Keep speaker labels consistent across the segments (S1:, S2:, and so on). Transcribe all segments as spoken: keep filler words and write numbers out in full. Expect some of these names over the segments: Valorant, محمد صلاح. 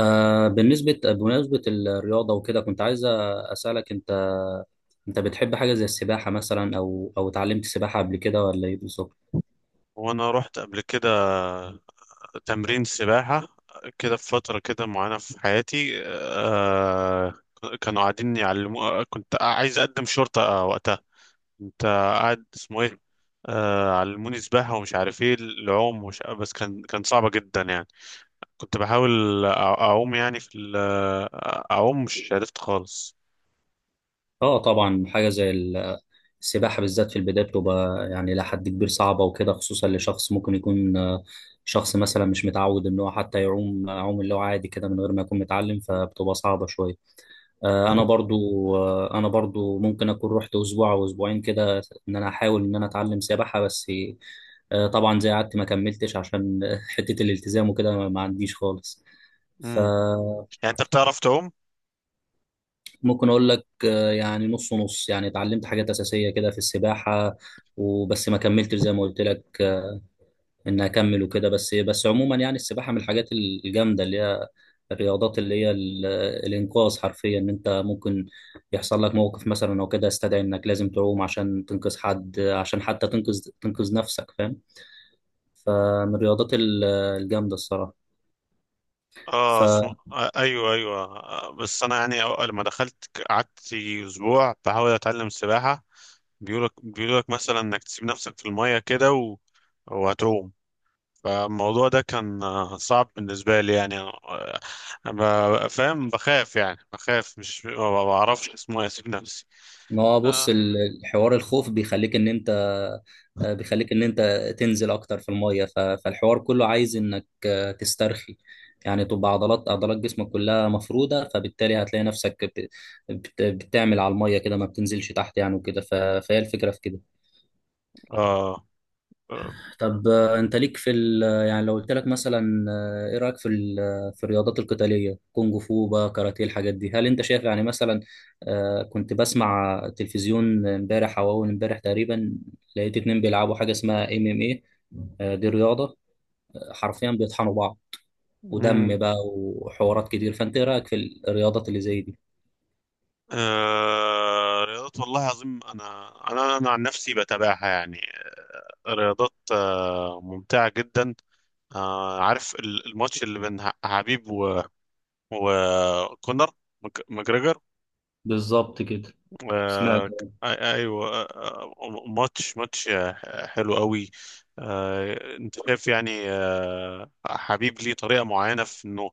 S1: آه بالنسبة بمناسبة الرياضة وكده كنت عايز أسألك أنت أنت بتحب حاجة زي السباحة مثلا أو أو اتعلمت سباحة قبل كده ولا إيه بالظبط؟
S2: وانا رحت قبل كده تمرين سباحة كده في فترة كده معينة في حياتي آه كانوا قاعدين يعلموا. كنت عايز اقدم شرطة آه، وقتها كنت قاعد اسمه ايه آه علموني سباحة ومش عارف ايه العوم ومش... بس كان كان صعبة جدا يعني. كنت بحاول أ- اعوم يعني في ال- اعوم مش عرفت خالص
S1: أه طبعا حاجة زي ال- السباحة بالذات في البداية بتبقى يعني إلى حد كبير صعبة وكده خصوصا لشخص ممكن يكون آه، شخص مثلا مش متعود إن هو حتى يعوم يعوم اللي هو عادي كده من غير ما يكون متعلم فبتبقى صعبة شوية. آه،
S2: آه.
S1: انا برضو آه، انا برضو ممكن اكون رحت اسبوع او اسبوعين كده ان انا احاول ان انا اتعلم سباحه بس، آه، طبعا زي قعدت ما كملتش عشان حته الالتزام وكده ما عنديش خالص
S2: امم
S1: فممكن
S2: يعني انت بتعرف تعوم؟
S1: اقول لك، آه، يعني نص ونص يعني اتعلمت حاجات اساسيه كده في السباحه وبس ما كملتش زي ما قلت لك ان اكمل وكده بس بس عموما يعني السباحه من الحاجات الجامده اللي هي الرياضات اللي هي ال- الانقاذ حرفيا ان انت ممكن يحصل لك موقف مثلا او كده يستدعي انك لازم تعوم عشان تنقذ حد عشان حتى تنقذ تنقذ نفسك فاهم. فمن الرياضات ال- الجامده الصراحه.
S2: اه، اسمه آه ايوه، ايوه، آه بس انا يعني أو- لما دخلت ك- قعدت اسبوع بحاول اتعلم سباحه. بيقولك بيقولك مثلا انك تسيب نفسك في الميه كده و... وهتعوم. فالموضوع ده كان آه، صعب بالنسبه لي يعني. آه، ب- فاهم، بخاف يعني، بخاف، مش ما بعرفش اسمه إيه، اسيب نفسي.
S1: ما هو بص
S2: اه.
S1: ال- الحوار الخوف بيخليك ان انت، آه، بيخليك ان انت تنزل اكتر في الميه ف- فالحوار كله عايز انك، آه، تسترخي يعني تبقى عضلات عضلات جسمك كلها مفروده فبالتالي هتلاقي نفسك بت- بت- بتعمل على الميه كده ما بتنزلش تحت يعني وكده ف- فهي الفكره في كده.
S2: اه.
S1: طب، آه، انت ليك في ال... يعني لو قلت لك مثلا، آه، ايه رايك في ال... في الرياضات القتاليه كونغ فو بقى كاراتيه الحاجات دي هل انت شايف يعني مثلا، آه، كنت بسمع تلفزيون امبارح او اول امبارح تقريبا لقيت اتنين بيلعبوا حاجه اسمها ام ام ايه، آه، دي رياضه، آه، حرفيا بيطحنوا بعض ودم بقى وحوارات كتير فانت ايه رايك في الرياضات اللي زي دي.
S2: آه رياضات، والله العظيم انا انا انا عن نفسي بتابعها يعني. رياضات آه ممتعه جدا. آه عارف ال- الماتش اللي بين ح- حبيب و... وكونر مك- ماجريجر.
S1: بالظبط كده. سمعت.
S2: آه ك- أي- ايوه، آه آه، ماتش، ماتش آه، حلو قوي. آه انت شايف يعني آه حبيب ليه طريقه معينه في انه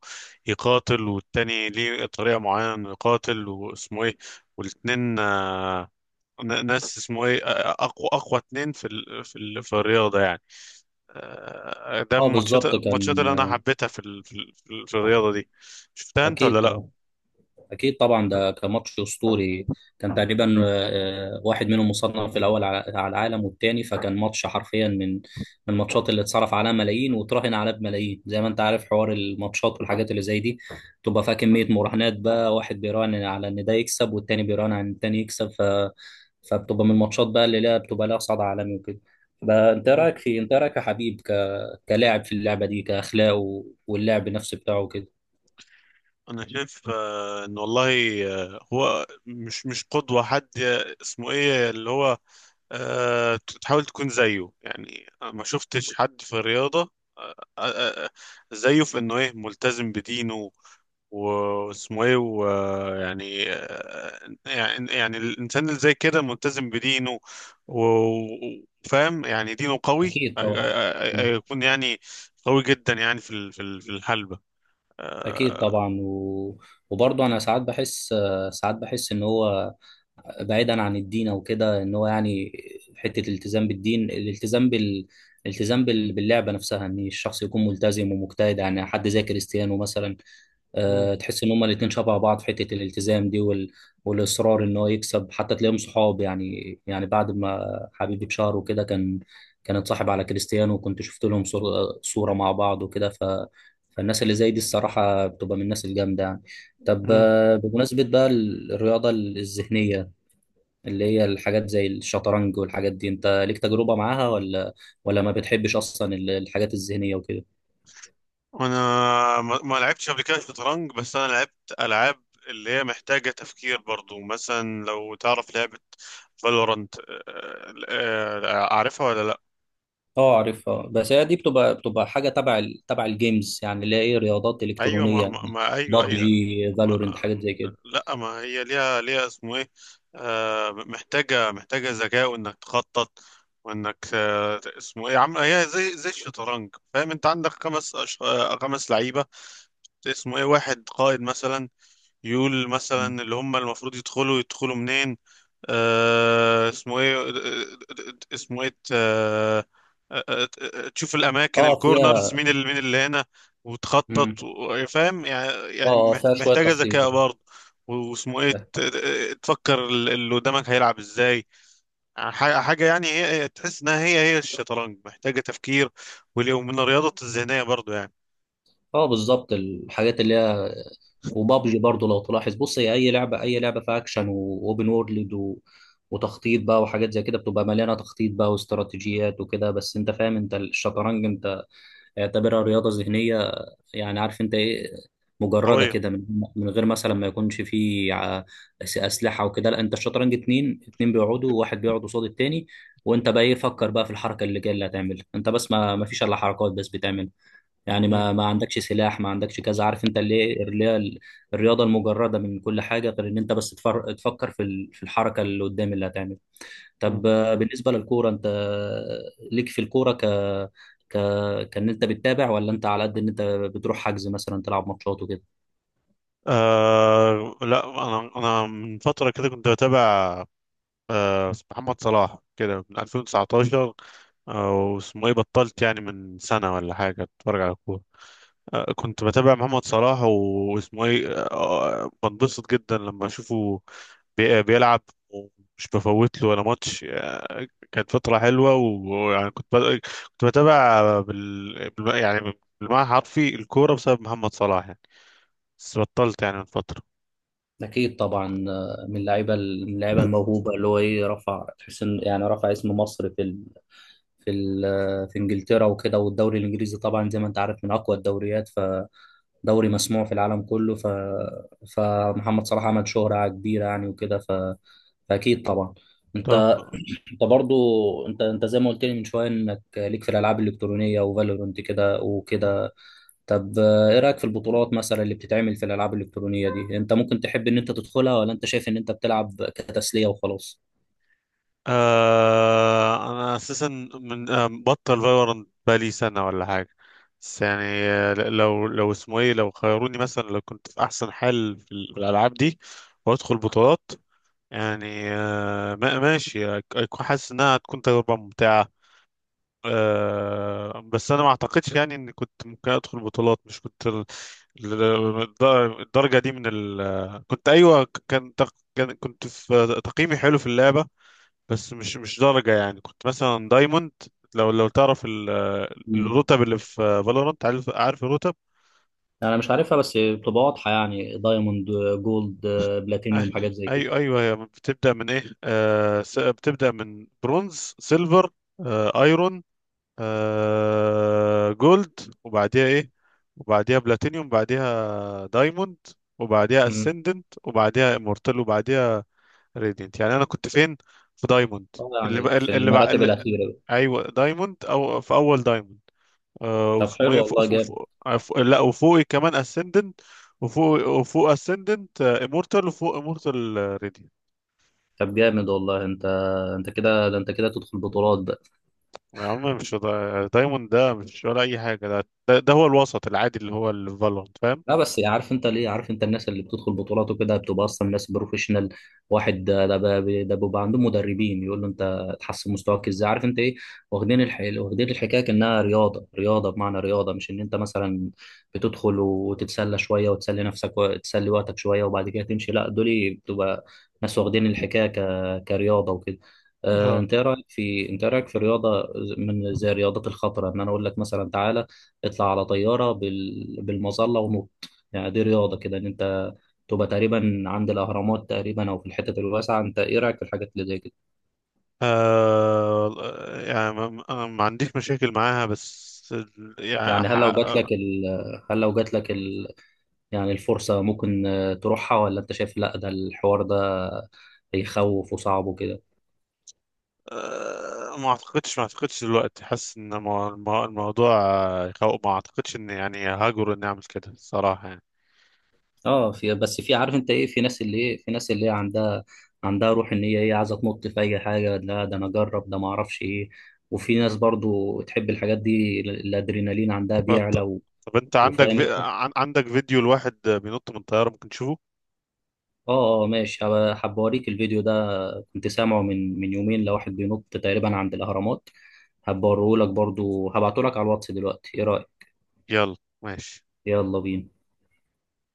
S2: يقاتل، والتاني ليه طريقه معينه انه يقاتل، واسمه ايه، والاتنين آه، ن- ناس اسمه ايه، اقوى اقوى اتنين في ال... في ال... في الرياضه يعني. آه، ده
S1: اه
S2: من الماتشات
S1: بالظبط
S2: الماتشات
S1: كان،
S2: اللي انا
S1: آه،
S2: حبيتها في ال... في ال... في ال- في الرياضه دي. شفتها انت
S1: اكيد
S2: ولا لا؟
S1: طبعا. اكيد طبعا ده كان ماتش اسطوري. كان تقريبا، آه، آه، واحد منهم مصنف الاول على على العالم والتاني فكان ماتش حرفيا من من الماتشات اللي اتصرف عليها ملايين وتراهن عليها بملايين زي ما انت عارف حوار الماتشات والحاجات اللي زي دي تبقى فيها كميه مراهنات بقى واحد بيراهن على ان ده يكسب والتاني بيراهن على ان التاني يكسب ف فبتبقى من الماتشات بقى اللي لها بتبقى لها صدى عالمي وكده بقى. انت إيه
S2: مم.
S1: رايك في انت إيه رايك يا حبيب ك... كلاعب في اللعبه دي كاخلاقه واللعب نفسه بتاعه كده.
S2: انا شايف آه، ان والله آه، هو مش مش قدوة حد آه، اسمه ايه، اللي هو آه، تحاول تكون زيه يعني. أنا ما شفتش حد في الرياضة آه، آه، آه، آه، زيه في انه ايه، ملتزم بدينه، واسمه ايه، ويعني آه، يعني، يعني الانسان اللي زي كده، ملتزم بدينه و- وفاهم يعني دينه قوي،
S1: اكيد
S2: آه،
S1: طبعا.
S2: آه، آه، يكون يعني قوي جدا يعني في ال- في ال- في الحلبة.
S1: اكيد
S2: آه،
S1: طبعا و... وبرضه انا ساعات بحس ساعات بحس ان هو بعيدا عن الدين او كده ان هو يعني حته الالتزام بالدين الالتزام بال الالتزام بال... باللعبه نفسها ان الشخص يكون ملتزم ومجتهد يعني حد زي كريستيانو مثلا،
S2: مم.
S1: آه، تحس ان هما الاتنين شبه بعض في حته الالتزام دي وال... والاصرار ان هو يكسب حتى تلاقيهم صحاب يعني يعني بعد ما حبيبي بشهر وكده كان كان اتصاحب على كريستيانو وكنت شفت لهم صور... صوره مع بعض وكده ف... فالناس اللي زي دي الصراحه بتبقى من الناس الجامده يعني. طب،
S2: مم.
S1: آه، بمناسبه بقى الرياضه الذهنيه اللي هي الحاجات زي الشطرنج والحاجات دي انت ليك تجربه معاها ولا ولا ما بتحبش اصلا الحاجات الذهنيه وكده.
S2: انا ما ما لعبتش قبل كده شطرنج، بس انا لعبت العاب اللي هي محتاجة تفكير برضو. مثلا لو تعرف لعبة فالورانت، اعرفها ولا لا؟
S1: اه عارفها بس هي دي بتبقى بتبقى حاجه تبع ال... تبع الجيمز يعني اللي هي ايه رياضات
S2: ايوه
S1: الكترونيه
S2: ما, ما
S1: يعني
S2: ما- ايوه. ايوه.
S1: بابجي فالورنت حاجات زي كده.
S2: لا، ما هي ليها ليها اسمه ايه، آه محتاجة محتاجة ذكاء، وانك تخطط، وانك آه اسمه ايه، عم هي زي زي الشطرنج. فاهم؟ انت عندك خمس أش... آه، خمس لعيبة، اسمه ايه، واحد قائد مثلا يقول مثلا اللي هم المفروض يدخلوا يدخلوا منين، آه، اسمه ايه آه، آه، آه، اسمه ايه آه، آه، آه، آه، آه، تشوف الاماكن
S1: اه
S2: الكورنرز،
S1: فيها.
S2: مين اللي، مين اللي هنا،
S1: مم.
S2: وتخطط و- فاهم يعني.
S1: اه،
S2: يعني
S1: آه،
S2: محت-
S1: فيها شويه
S2: محتاجه
S1: تخطيط
S2: ذكاء
S1: يعني.
S2: برضه. واسمه ايه،
S1: اه،
S2: ت- ت- تفكر ال- اللي قدامك هيلعب ازاي، ح- حاجه يعني، هي هي- تحس انها هي هي الشطرنج، محتاجه تفكير واللي- ومن الرياضه الذهنيه برضه يعني.
S1: آه، بالظبط الحاجات اللي هي. وبابجي برضو لو تلاحظ بص هي اي لعبه اي لعبه فيها اكشن واوبن وورلد و... وتخطيط بقى وحاجات زي كده بتبقى مليانه تخطيط بقى واستراتيجيات وكده بس انت فاهم انت الشطرنج انت اعتبرها رياضه ذهنيه يعني عارف انت ايه مجرده
S2: قويه.
S1: كده من من غير مثلا ما يكونش فيه ع- أس- اسلحه وكده لا انت الشطرنج اتنين اتنين بيقعدوا واحد بيقعد قصاد التاني وانت بقى ايه فكر بقى في الحركه اللي جايه اللي هتعملها انت بس ما ما فيش الا حركات بس بتعمل يعني
S2: مم.
S1: ما ما عندكش سلاح ما عندكش كذا عارف انت اللي ايه اللي هي ال- الرياضه المجرده من كل حاجه غير ان انت بس تفر- تفكر في ال- في الحركه اللي قدام اللي هتعملها.
S2: مم.
S1: طب، آه، بالنسبة للكورة انت، آه، ليك في الكورة ك ك كان انت بتتابع ولا انت على قد ان انت بتروح حجز مثلا تلعب ماتشات وكده.
S2: آه لا، انا انا من فتره كده كنت بتابع آه، محمد صلاح كده من ألفين وتسعتاشر، او اسمه ايه، بطلت يعني من سنة ولا حاجة اتفرج على كورة. آه، كنت بتابع محمد صلاح، واسمه ايه، آه، بنبسط جدا لما اشوفه بي- بيلعب، ومش بفوت له ولا ماتش. آه، كانت فترة حلوة، ويعني كنت بت- كنت بتابع بال... بالم- يعني بالمعنى الحرفي الكورة بسبب محمد صلاح يعني. بس بطلت يعني من فترة.
S1: اكيد طبعا، آه، من اللعيبه من اللعيبه الموهوبه اللي هو ايه رفع تحس ان يعني رفع اسم مصر في ال... في ال... آه، في انجلترا وكده والدوري الانجليزي طبعا زي ما انت عارف من اقوى الدوريات فدوري مسموع في العالم كله ف فمحمد صلاح عمل شهرة كبيرة يعني وكده ف... فاكيد طبعا.
S2: طب
S1: انت انت برضو انت انت زي ما قلت لي من شويه انك ليك في الالعاب الالكترونيه وفالورنت كده وكده. طب، آه، ايه رايك في البطولات مثلا اللي بتتعمل في الالعاب الالكترونيه دي انت ممكن تحب ان انت تدخلها ولا انت شايف ان انت بتلعب كتسليه وخلاص.
S2: آه انا اساسا من آه بطل فالورانت بقالي سنه ولا حاجه. بس يعني آه، ل- لو لو اسمه ايه، لو خيروني مثلا، لو كنت في احسن حال في ال- في الالعاب دي وادخل بطولات، يعني آه ما- ماشي، أك- أكون حاسس انها هتكون تجربه ممتعه. آه بس انا ما اعتقدش يعني اني كنت ممكن ادخل بطولات، مش كنت ال- ال- الدر- الدرجه دي من ال، كنت ايوه، ك- كان تق- كان كنت في تقييمي حلو في اللعبه، بس مش مش درجة يعني. كنت مثلا دايموند، لو لو تعرف ال-
S1: مم.
S2: الرتب اللي في فالورانت. عارف عارف الرتب؟
S1: انا مش عارفها بس بتبقى واضحه يعني دايموند جولد بلاتينيوم حاجات زي كده.
S2: ايوه، ايوه، هي بتبدأ من ايه آه س- بتبدأ من برونز، سيلفر، آه ايرون، آه جولد، وبعديها ايه، وبعديها بلاتينيوم، بعديها دايموند، وبعديها
S1: امم.
S2: اسندنت، وبعديها امورتال، وبعديها راديانت. يعني انا كنت فين؟ في دايموند.
S1: اه
S2: اللي
S1: يعني
S2: بقى
S1: في
S2: اللي بقى
S1: المراتب
S2: اللي
S1: الاخيره بقى.
S2: ايوه، دايموند، او في اول دايموند. آه
S1: طب
S2: واسمه
S1: حلو
S2: ايه، فوق
S1: والله
S2: فوق
S1: جامد.
S2: فوق عف- لا، وفوقي كمان اسندنت. وفوق وفوق اسندنت امورتال، وفوق امورتال ريدي.
S1: طب جامد والله انت انت كده ده انت كده تدخل بطولات بقى.
S2: يا عم، مش دا... دايموند ده مش ولا اي حاجه. ده ده, ده هو الوسط العادي اللي هو الفالورانت، فاهم؟
S1: لا بس عارف انت ليه عارف انت الناس اللي بتدخل بطولات وكده بتبقى اصلا ناس بروفيشنال واحد ده ده بقى- ده بيبقى عندهم مدربين يقول له انت تحسن مستواك ازاي عارف انت ايه واخدين الح... واخدين الحكايه كانها رياضه رياضه بمعنى رياضه مش ان انت مثلا بتدخل وتتسلى شويه وتسلي نفسك وتسلي وقتك شويه وبعد كده تمشي لا دول بتبقى ناس واخدين الحكايه ك... كرياضه وكده. آه،
S2: اه.
S1: انت ايه رايك في انت ايه رايك في رياضه من زي الرياضات الخطره ان انا اقول لك مثلا تعالى اطلع على طياره بال... بالمظله يعني دي رياضة كده إن أنت تبقى تقريبا عند الأهرامات تقريبا أو في الحتت الواسعة أنت إيه رأيك في الحاجات اللي زي كده؟
S2: آه يعني ما, أنا ما عنديش مشاكل معاها، بس ال- يعني
S1: يعني
S2: ح-
S1: هل لو جات لك
S2: آه
S1: ال... هل لو جات لك ال... يعني الفرصة ممكن، آه، تروحها ولا أنت شايف لأ ده الحوار ده يخوف وصعب وكده؟
S2: ما اعتقدش، ما اعتقدش دلوقتي حاسس ان المو- المو- الموضوع آه، يخوف. ما اعتقدش ان يعني هاجر اني اعمل كده الصراحه يعني.
S1: أه في بس في عارف أنت إيه في ناس اللي إيه في ناس اللي هي عندها عندها روح إن هي إيه عايزة تنط في أي حاجة لا ده أنا أجرب ده ما أعرفش إيه وفي ناس برضو تحب الحاجات دي ال- الأدرينالين عندها بيعلى
S2: بط...
S1: و...
S2: طب انت عندك
S1: وفاهم انت.
S2: في، عن- عندك فيديو لواحد بينط من طيارة؟ ممكن تشوفه.
S1: اه اه ماشي هبقى- هبقى اوريك الفيديو ده كنت سامعه من من يومين لواحد بينط تقريبا عند الأهرامات هبوريهولك برضو هبعتهولك على الواتس دلوقتي ايه رأيك.
S2: يلا ماشي.
S1: يلا بينا.